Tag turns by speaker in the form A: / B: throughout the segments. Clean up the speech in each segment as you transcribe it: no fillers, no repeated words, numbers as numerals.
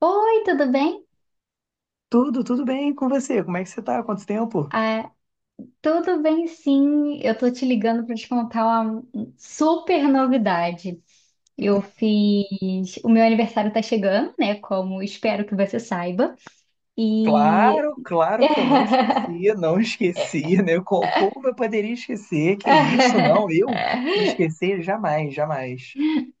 A: Oi, tudo bem?
B: Tudo, tudo bem com você? Como é que você tá? Quanto tempo?
A: Ah, tudo bem, sim. Eu tô te ligando para te contar uma super novidade.
B: Hum.
A: Eu fiz. O meu aniversário tá chegando, né? Como espero que você saiba. E.
B: Claro, claro que eu não esquecia, não esquecia, né? Como eu poderia esquecer? Que isso, não, eu esquecer jamais, jamais.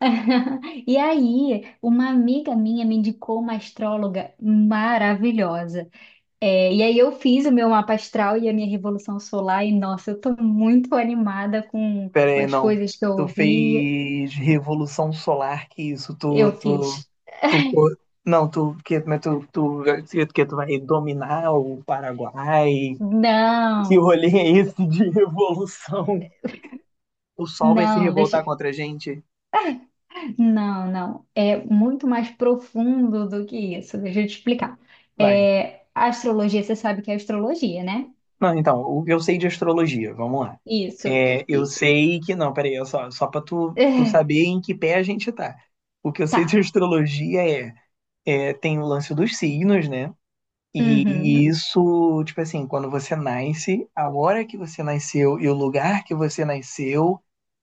A: E aí, uma amiga minha me indicou uma astróloga maravilhosa. E aí eu fiz o meu mapa astral e a minha revolução solar, e nossa, eu tô muito animada com
B: Pera
A: com
B: aí,
A: as
B: não.
A: coisas que eu
B: Tu
A: ouvi.
B: fez Revolução Solar, que isso, tu,
A: Eu
B: tu,
A: fiz.
B: tu, co- não, tu, que, mas tu, que tu vai dominar o Paraguai. Que
A: Não,
B: rolê é esse de revolução? O sol vai se
A: não, deixa.
B: revoltar contra a gente?
A: Não, não. É muito mais profundo do que isso. Deixa eu te explicar.
B: Vai.
A: É, a astrologia, você sabe que é astrologia, né?
B: Não, então, o que eu sei de astrologia, vamos lá.
A: Isso.
B: É, eu
A: Isso.
B: sei que. Não, peraí, é só pra tu
A: É,
B: saber em que pé a gente tá. O que eu sei de
A: tá.
B: astrologia é, é, tem o lance dos signos, né? E
A: Uhum.
B: isso, tipo assim, quando você nasce, a hora que você nasceu e o lugar que você nasceu,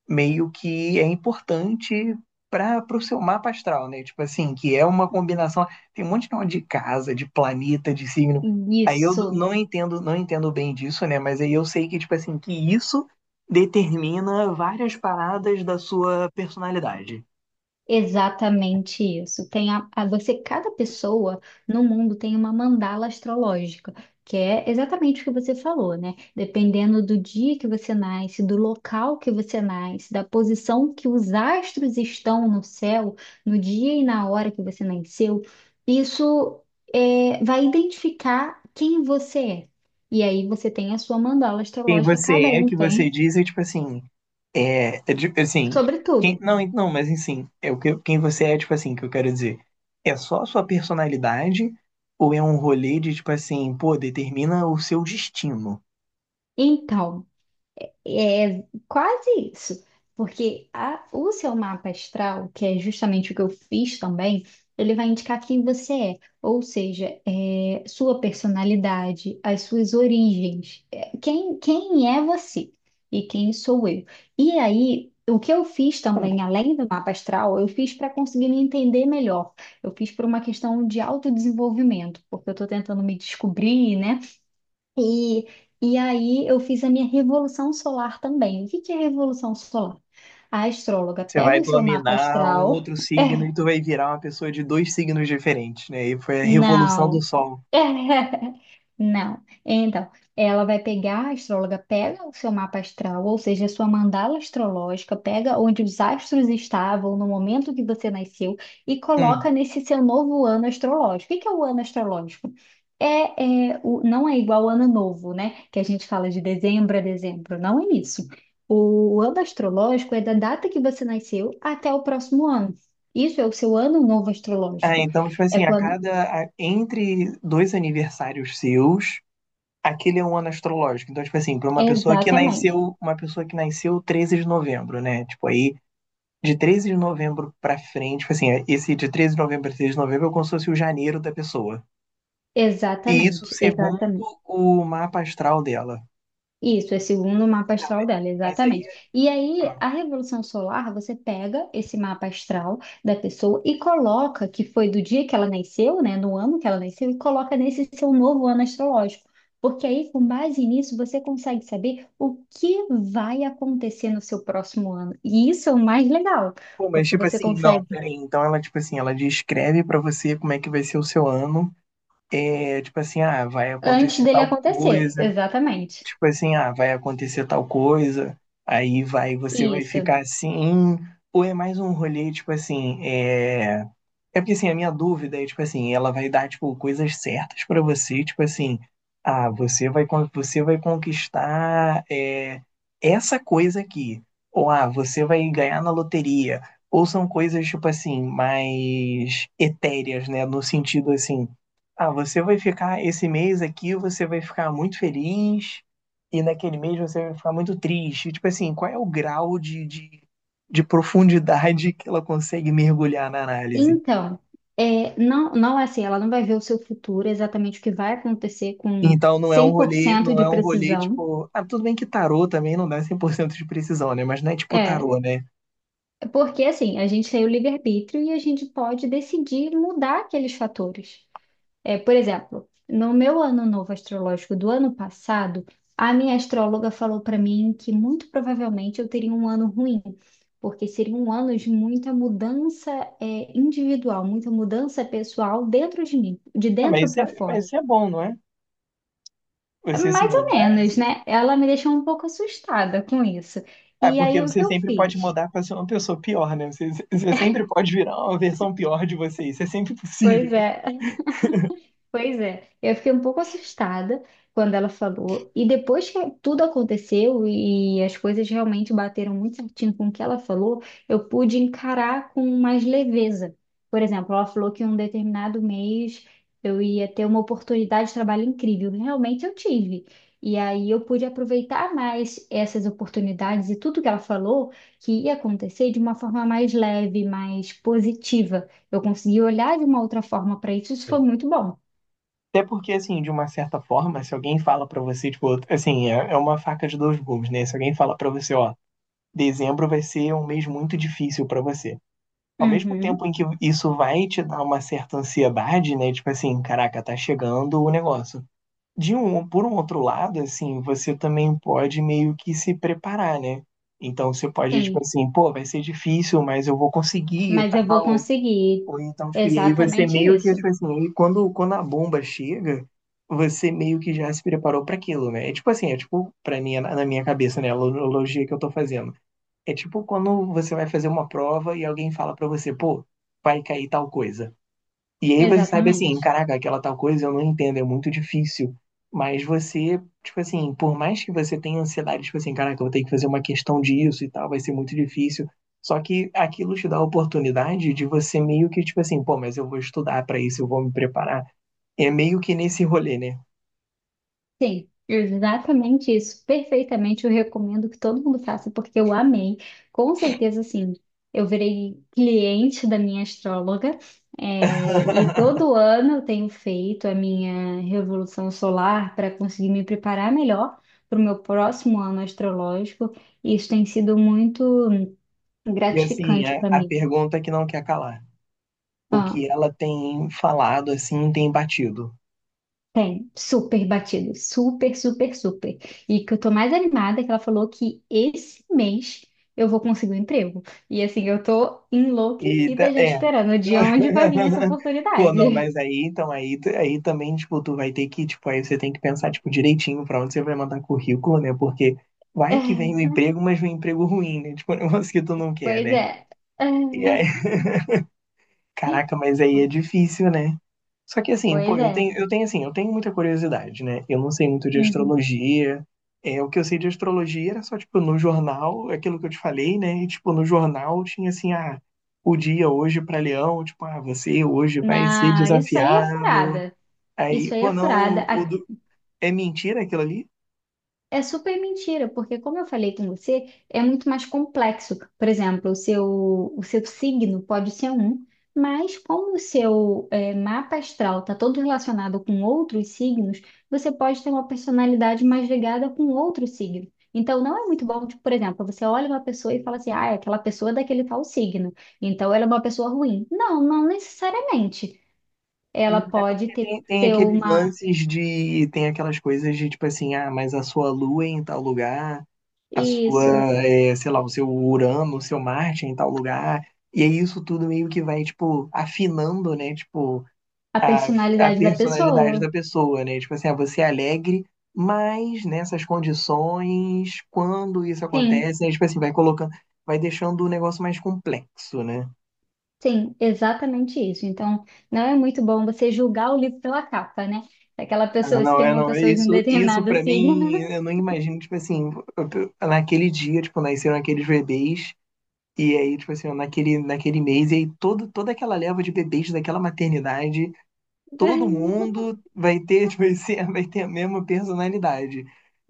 B: meio que é importante para o seu mapa astral, né? Tipo assim, que é uma combinação, tem um monte de nome de casa, de planeta, de signo. Aí eu
A: Isso.
B: não entendo, não entendo bem disso, né? Mas aí eu sei que, tipo assim, que isso determina várias paradas da sua personalidade.
A: Exatamente isso. Tem a, você, cada pessoa no mundo tem uma mandala astrológica, que é exatamente o que você falou, né? Dependendo do dia que você nasce, do local que você nasce, da posição que os astros estão no céu, no dia e na hora que você nasceu, isso é, vai identificar quem você é. E aí você tem a sua mandala
B: Quem
A: astrológica, cada
B: você é, o
A: um
B: que você
A: tem,
B: diz, é tipo assim, assim,
A: sobre
B: quem,
A: tudo.
B: não, não, mas assim, é o que, quem você é, tipo assim, que eu quero dizer, é só a sua personalidade ou é um rolê de tipo assim, pô, determina o seu destino.
A: Então. É quase isso, porque o seu mapa astral, que é justamente o que eu fiz também, ele vai indicar quem você é, ou seja, é, sua personalidade, as suas origens, é, quem, quem é você e quem sou eu. E aí, o que eu fiz também, além do mapa astral, eu fiz para conseguir me entender melhor, eu fiz por uma questão de autodesenvolvimento, porque eu estou tentando me descobrir, né? E, e aí eu fiz a minha revolução solar também. O que que é revolução solar? A astróloga
B: Você
A: pega
B: vai
A: o seu mapa
B: dominar um
A: astral.
B: outro signo e
A: É.
B: tu vai virar uma pessoa de dois signos diferentes, né? E foi a revolução do
A: Não.
B: sol.
A: Não. Então, ela vai pegar, a astróloga pega o seu mapa astral, ou seja, a sua mandala astrológica, pega onde os astros estavam no momento que você nasceu e
B: Hum.
A: coloca nesse seu novo ano astrológico. O que que é o ano astrológico? É, é, o, não é igual ao ano novo, né? Que a gente fala de dezembro a dezembro. Não é isso. O ano astrológico é da data que você nasceu até o próximo ano. Isso é o seu ano novo
B: Ah,
A: astrológico.
B: então, tipo
A: É
B: assim,
A: quando.
B: entre dois aniversários seus, aquele é um ano astrológico. Então, tipo assim, para uma pessoa que
A: Exatamente.
B: nasceu, uma pessoa que nasceu 13 de novembro, né? Tipo, aí de 13 de novembro pra frente, tipo assim, esse de 13 de novembro a 13 de novembro é como se fosse o janeiro da pessoa. E isso
A: Exatamente,
B: segundo
A: exatamente.
B: o mapa astral dela.
A: Isso, é segundo o mapa
B: Tá,
A: astral
B: mas
A: dela,
B: mas aí,
A: exatamente. E aí,
B: ah,
A: a revolução solar, você pega esse mapa astral da pessoa e coloca que foi do dia que ela nasceu, né, no ano que ela nasceu, e coloca nesse seu novo ano astrológico. Porque aí, com base nisso, você consegue saber o que vai acontecer no seu próximo ano. E isso é o mais legal,
B: pô, mas
A: porque
B: tipo
A: você
B: assim, não,
A: consegue
B: peraí. Então ela, tipo assim, ela descreve pra você como é que vai ser o seu ano. É, tipo assim, ah, vai
A: antes
B: acontecer
A: dele
B: tal
A: acontecer,
B: coisa.
A: exatamente.
B: Tipo assim, ah, vai acontecer tal coisa, aí vai, você vai
A: Isso.
B: ficar assim, ou é mais um rolê, tipo assim, é. É porque, assim, a minha dúvida é, tipo assim, ela vai dar, tipo, coisas certas pra você, tipo assim, ah, você vai você vai conquistar é, essa coisa aqui, ou ah, você vai ganhar na loteria, ou são coisas, tipo assim, mais etéreas, né, no sentido, assim, ah, você vai ficar, esse mês aqui, você vai ficar muito feliz, e naquele mês você vai ficar muito triste, tipo assim, qual é o grau de de profundidade que ela consegue mergulhar na análise?
A: Então, é, não, não é assim, ela não vai ver o seu futuro, exatamente o que vai acontecer com
B: Então não é um rolê,
A: 100%
B: não
A: de
B: é um rolê
A: precisão.
B: tipo, ah, tudo bem que tarô também não dá 100% de precisão, né? Mas não é tipo
A: É,
B: tarô, né?
A: é porque assim, a gente tem o livre-arbítrio e a gente pode decidir mudar aqueles fatores. É, por exemplo, no meu ano novo astrológico do ano passado, a minha astróloga falou para mim que muito provavelmente eu teria um ano ruim, porque seria um ano de muita mudança, é, individual, muita mudança pessoal dentro de mim, de
B: Ah,
A: dentro
B: mas isso
A: para
B: é, mas
A: fora.
B: isso é bom, não é? Você se
A: Mais ou
B: mudar,
A: menos,
B: assim.
A: né? Ela me deixou um pouco assustada com isso.
B: Ah,
A: E
B: porque
A: aí o
B: você
A: que eu
B: sempre pode
A: fiz?
B: mudar para ser uma pessoa pior, né? Você sempre pode virar uma versão pior de você, isso é sempre
A: Pois
B: possível.
A: é, pois é, eu fiquei um pouco assustada quando ela falou, e depois que tudo aconteceu e as coisas realmente bateram muito certinho com o que ela falou, eu pude encarar com mais leveza. Por exemplo, ela falou que em um determinado mês eu ia ter uma oportunidade de trabalho incrível, realmente eu tive. E aí eu pude aproveitar mais essas oportunidades e tudo que ela falou que ia acontecer de uma forma mais leve, mais positiva. Eu consegui olhar de uma outra forma para isso, isso foi muito bom.
B: Até porque, assim, de uma certa forma, se alguém fala pra você, tipo, assim, é uma faca de dois gumes, né? Se alguém fala pra você, ó, dezembro vai ser um mês muito difícil pra você. Ao mesmo tempo
A: Uhum,
B: em que isso vai te dar uma certa ansiedade, né? Tipo assim, caraca, tá chegando o negócio. Por um outro lado, assim, você também pode meio que se preparar, né? Então você pode, tipo
A: sim,
B: assim, pô, vai ser difícil, mas eu vou conseguir e
A: mas eu vou
B: tal.
A: conseguir.
B: Ou então, tipo, e aí você
A: Exatamente
B: meio que,
A: isso.
B: tipo assim, aí quando a bomba chega, você meio que já se preparou para aquilo, né? É tipo assim, é tipo, pra mim, na minha cabeça, né? A analogia que eu tô fazendo. É tipo quando você vai fazer uma prova e alguém fala pra você, pô, vai cair tal coisa. E aí você sabe assim,
A: Exatamente.
B: caraca, aquela tal coisa eu não entendo, é muito difícil. Mas você, tipo assim, por mais que você tenha ansiedade, tipo assim, caraca, eu vou ter que fazer uma questão disso e tal, vai ser muito difícil. Só que aquilo te dá a oportunidade de você meio que, tipo assim, pô, mas eu vou estudar pra isso, eu vou me preparar. É meio que nesse rolê, né?
A: Sim, exatamente isso. Perfeitamente, eu recomendo que todo mundo faça, porque eu amei. Com certeza, sim. Eu virei cliente da minha astróloga, é, e todo ano eu tenho feito a minha revolução solar para conseguir me preparar melhor para o meu próximo ano astrológico, e isso tem sido muito
B: E assim,
A: gratificante
B: a,
A: para
B: a
A: mim.
B: pergunta que não quer calar. O
A: Ah,
B: que ela tem falado, assim, tem batido.
A: tem, super batido, super, super, super. E que eu tô mais animada é que ela falou que esse mês eu vou conseguir um emprego. E assim, eu tô
B: E
A: enlouquecida
B: tá-
A: já
B: é.
A: esperando de onde vai vir essa
B: Pô, não,
A: oportunidade.
B: mas aí, então, aí, aí também, tipo, tu vai ter que, tipo, aí você tem que pensar, tipo, direitinho pra onde você vai mandar currículo, né? Porque vai que vem o emprego, mas vem um emprego ruim, né? Tipo, um negócio que tu não quer,
A: Pois
B: né?
A: é.
B: E aí, caraca, mas aí é difícil, né? Só que assim, pô,
A: Pois
B: eu
A: é.
B: tenho, eu tenho assim, eu tenho muita curiosidade, né? Eu não sei muito de
A: Uhum.
B: astrologia. É, o que eu sei de astrologia era só, tipo, no jornal, aquilo que eu te falei, né? E, tipo, no jornal tinha assim, ah, o dia hoje para Leão, tipo, ah, você hoje vai ser
A: Não, isso aí é
B: desafiado.
A: furada.
B: Aí,
A: Isso aí é
B: pô,
A: furada.
B: não, é mentira aquilo ali?
A: É super mentira, porque como eu falei com você, é muito mais complexo. Por exemplo, o seu signo pode ser um, mas como o seu mapa astral está todo relacionado com outros signos, você pode ter uma personalidade mais ligada com outro signo. Então, não é muito bom, tipo, por exemplo, você olha uma pessoa e fala assim, ah, é aquela pessoa daquele tal signo, então ela é uma pessoa ruim. Não, não necessariamente. Ela
B: Hum. É
A: pode
B: porque
A: ter,
B: tem
A: ter
B: aqueles
A: uma...
B: lances de. Tem aquelas coisas de tipo assim, ah, mas a sua lua é em tal lugar. a sua,
A: Isso,
B: é, sei lá, o seu Urano, o seu Marte em tal lugar. E aí isso tudo meio que vai, tipo, afinando, né? Tipo,
A: a
B: a, a
A: personalidade da
B: personalidade
A: pessoa.
B: da pessoa, né? Tipo assim, ah, você é alegre, mas nessas condições, quando isso
A: Sim.
B: acontece, aí, tipo assim, vai colocando, vai deixando o negócio mais complexo, né?
A: Sim, exatamente isso. Então, não é muito bom você julgar o livro pela capa, né? Aquela
B: Ah,
A: pessoa, se
B: não,
A: tem
B: é,
A: uma
B: não, é
A: pessoa de um
B: isso, isso
A: determinado
B: para
A: signo.
B: mim, eu não imagino, tipo assim, eu- naquele dia, tipo, nasceram aqueles bebês. E aí, tipo assim, naquele mês, e aí toda aquela leva de bebês daquela maternidade, todo mundo vai ter, tipo assim, vai ter a mesma personalidade.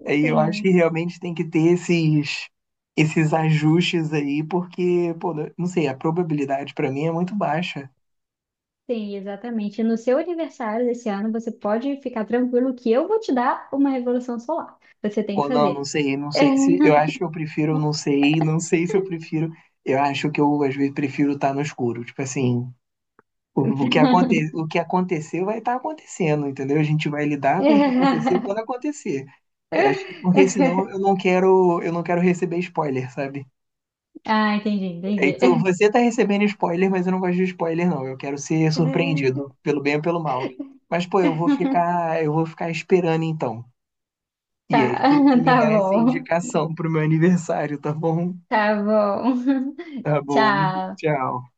B: Aí eu acho que
A: Sim,
B: realmente tem que ter esses ajustes aí, porque, pô, não sei, a probabilidade pra mim é muito baixa.
A: sim, exatamente. No seu aniversário desse ano, você pode ficar tranquilo que eu vou te dar uma revolução solar. Você tem que
B: Pô, não, não
A: fazer.
B: sei, não sei se. Eu acho que eu prefiro, não sei se eu prefiro. Eu acho que eu, às vezes, prefiro estar no escuro. Tipo assim. O, o que aconte, o que aconteceu vai estar acontecendo, entendeu? A gente vai lidar com o que acontecer quando acontecer. Porque senão eu não quero receber spoiler, sabe?
A: Ah, entendi,
B: É,
A: entendi.
B: então você tá recebendo spoiler, mas eu não gosto de spoiler, não. Eu quero ser surpreendido, pelo bem ou pelo mal. Mas, pô, eu vou ficar esperando então. E
A: Tá,
B: aí tu me
A: tá
B: dá essa
A: bom.
B: indicação pro meu aniversário, tá bom?
A: Tá bom.
B: Tá bom.
A: Tchau.
B: Tchau.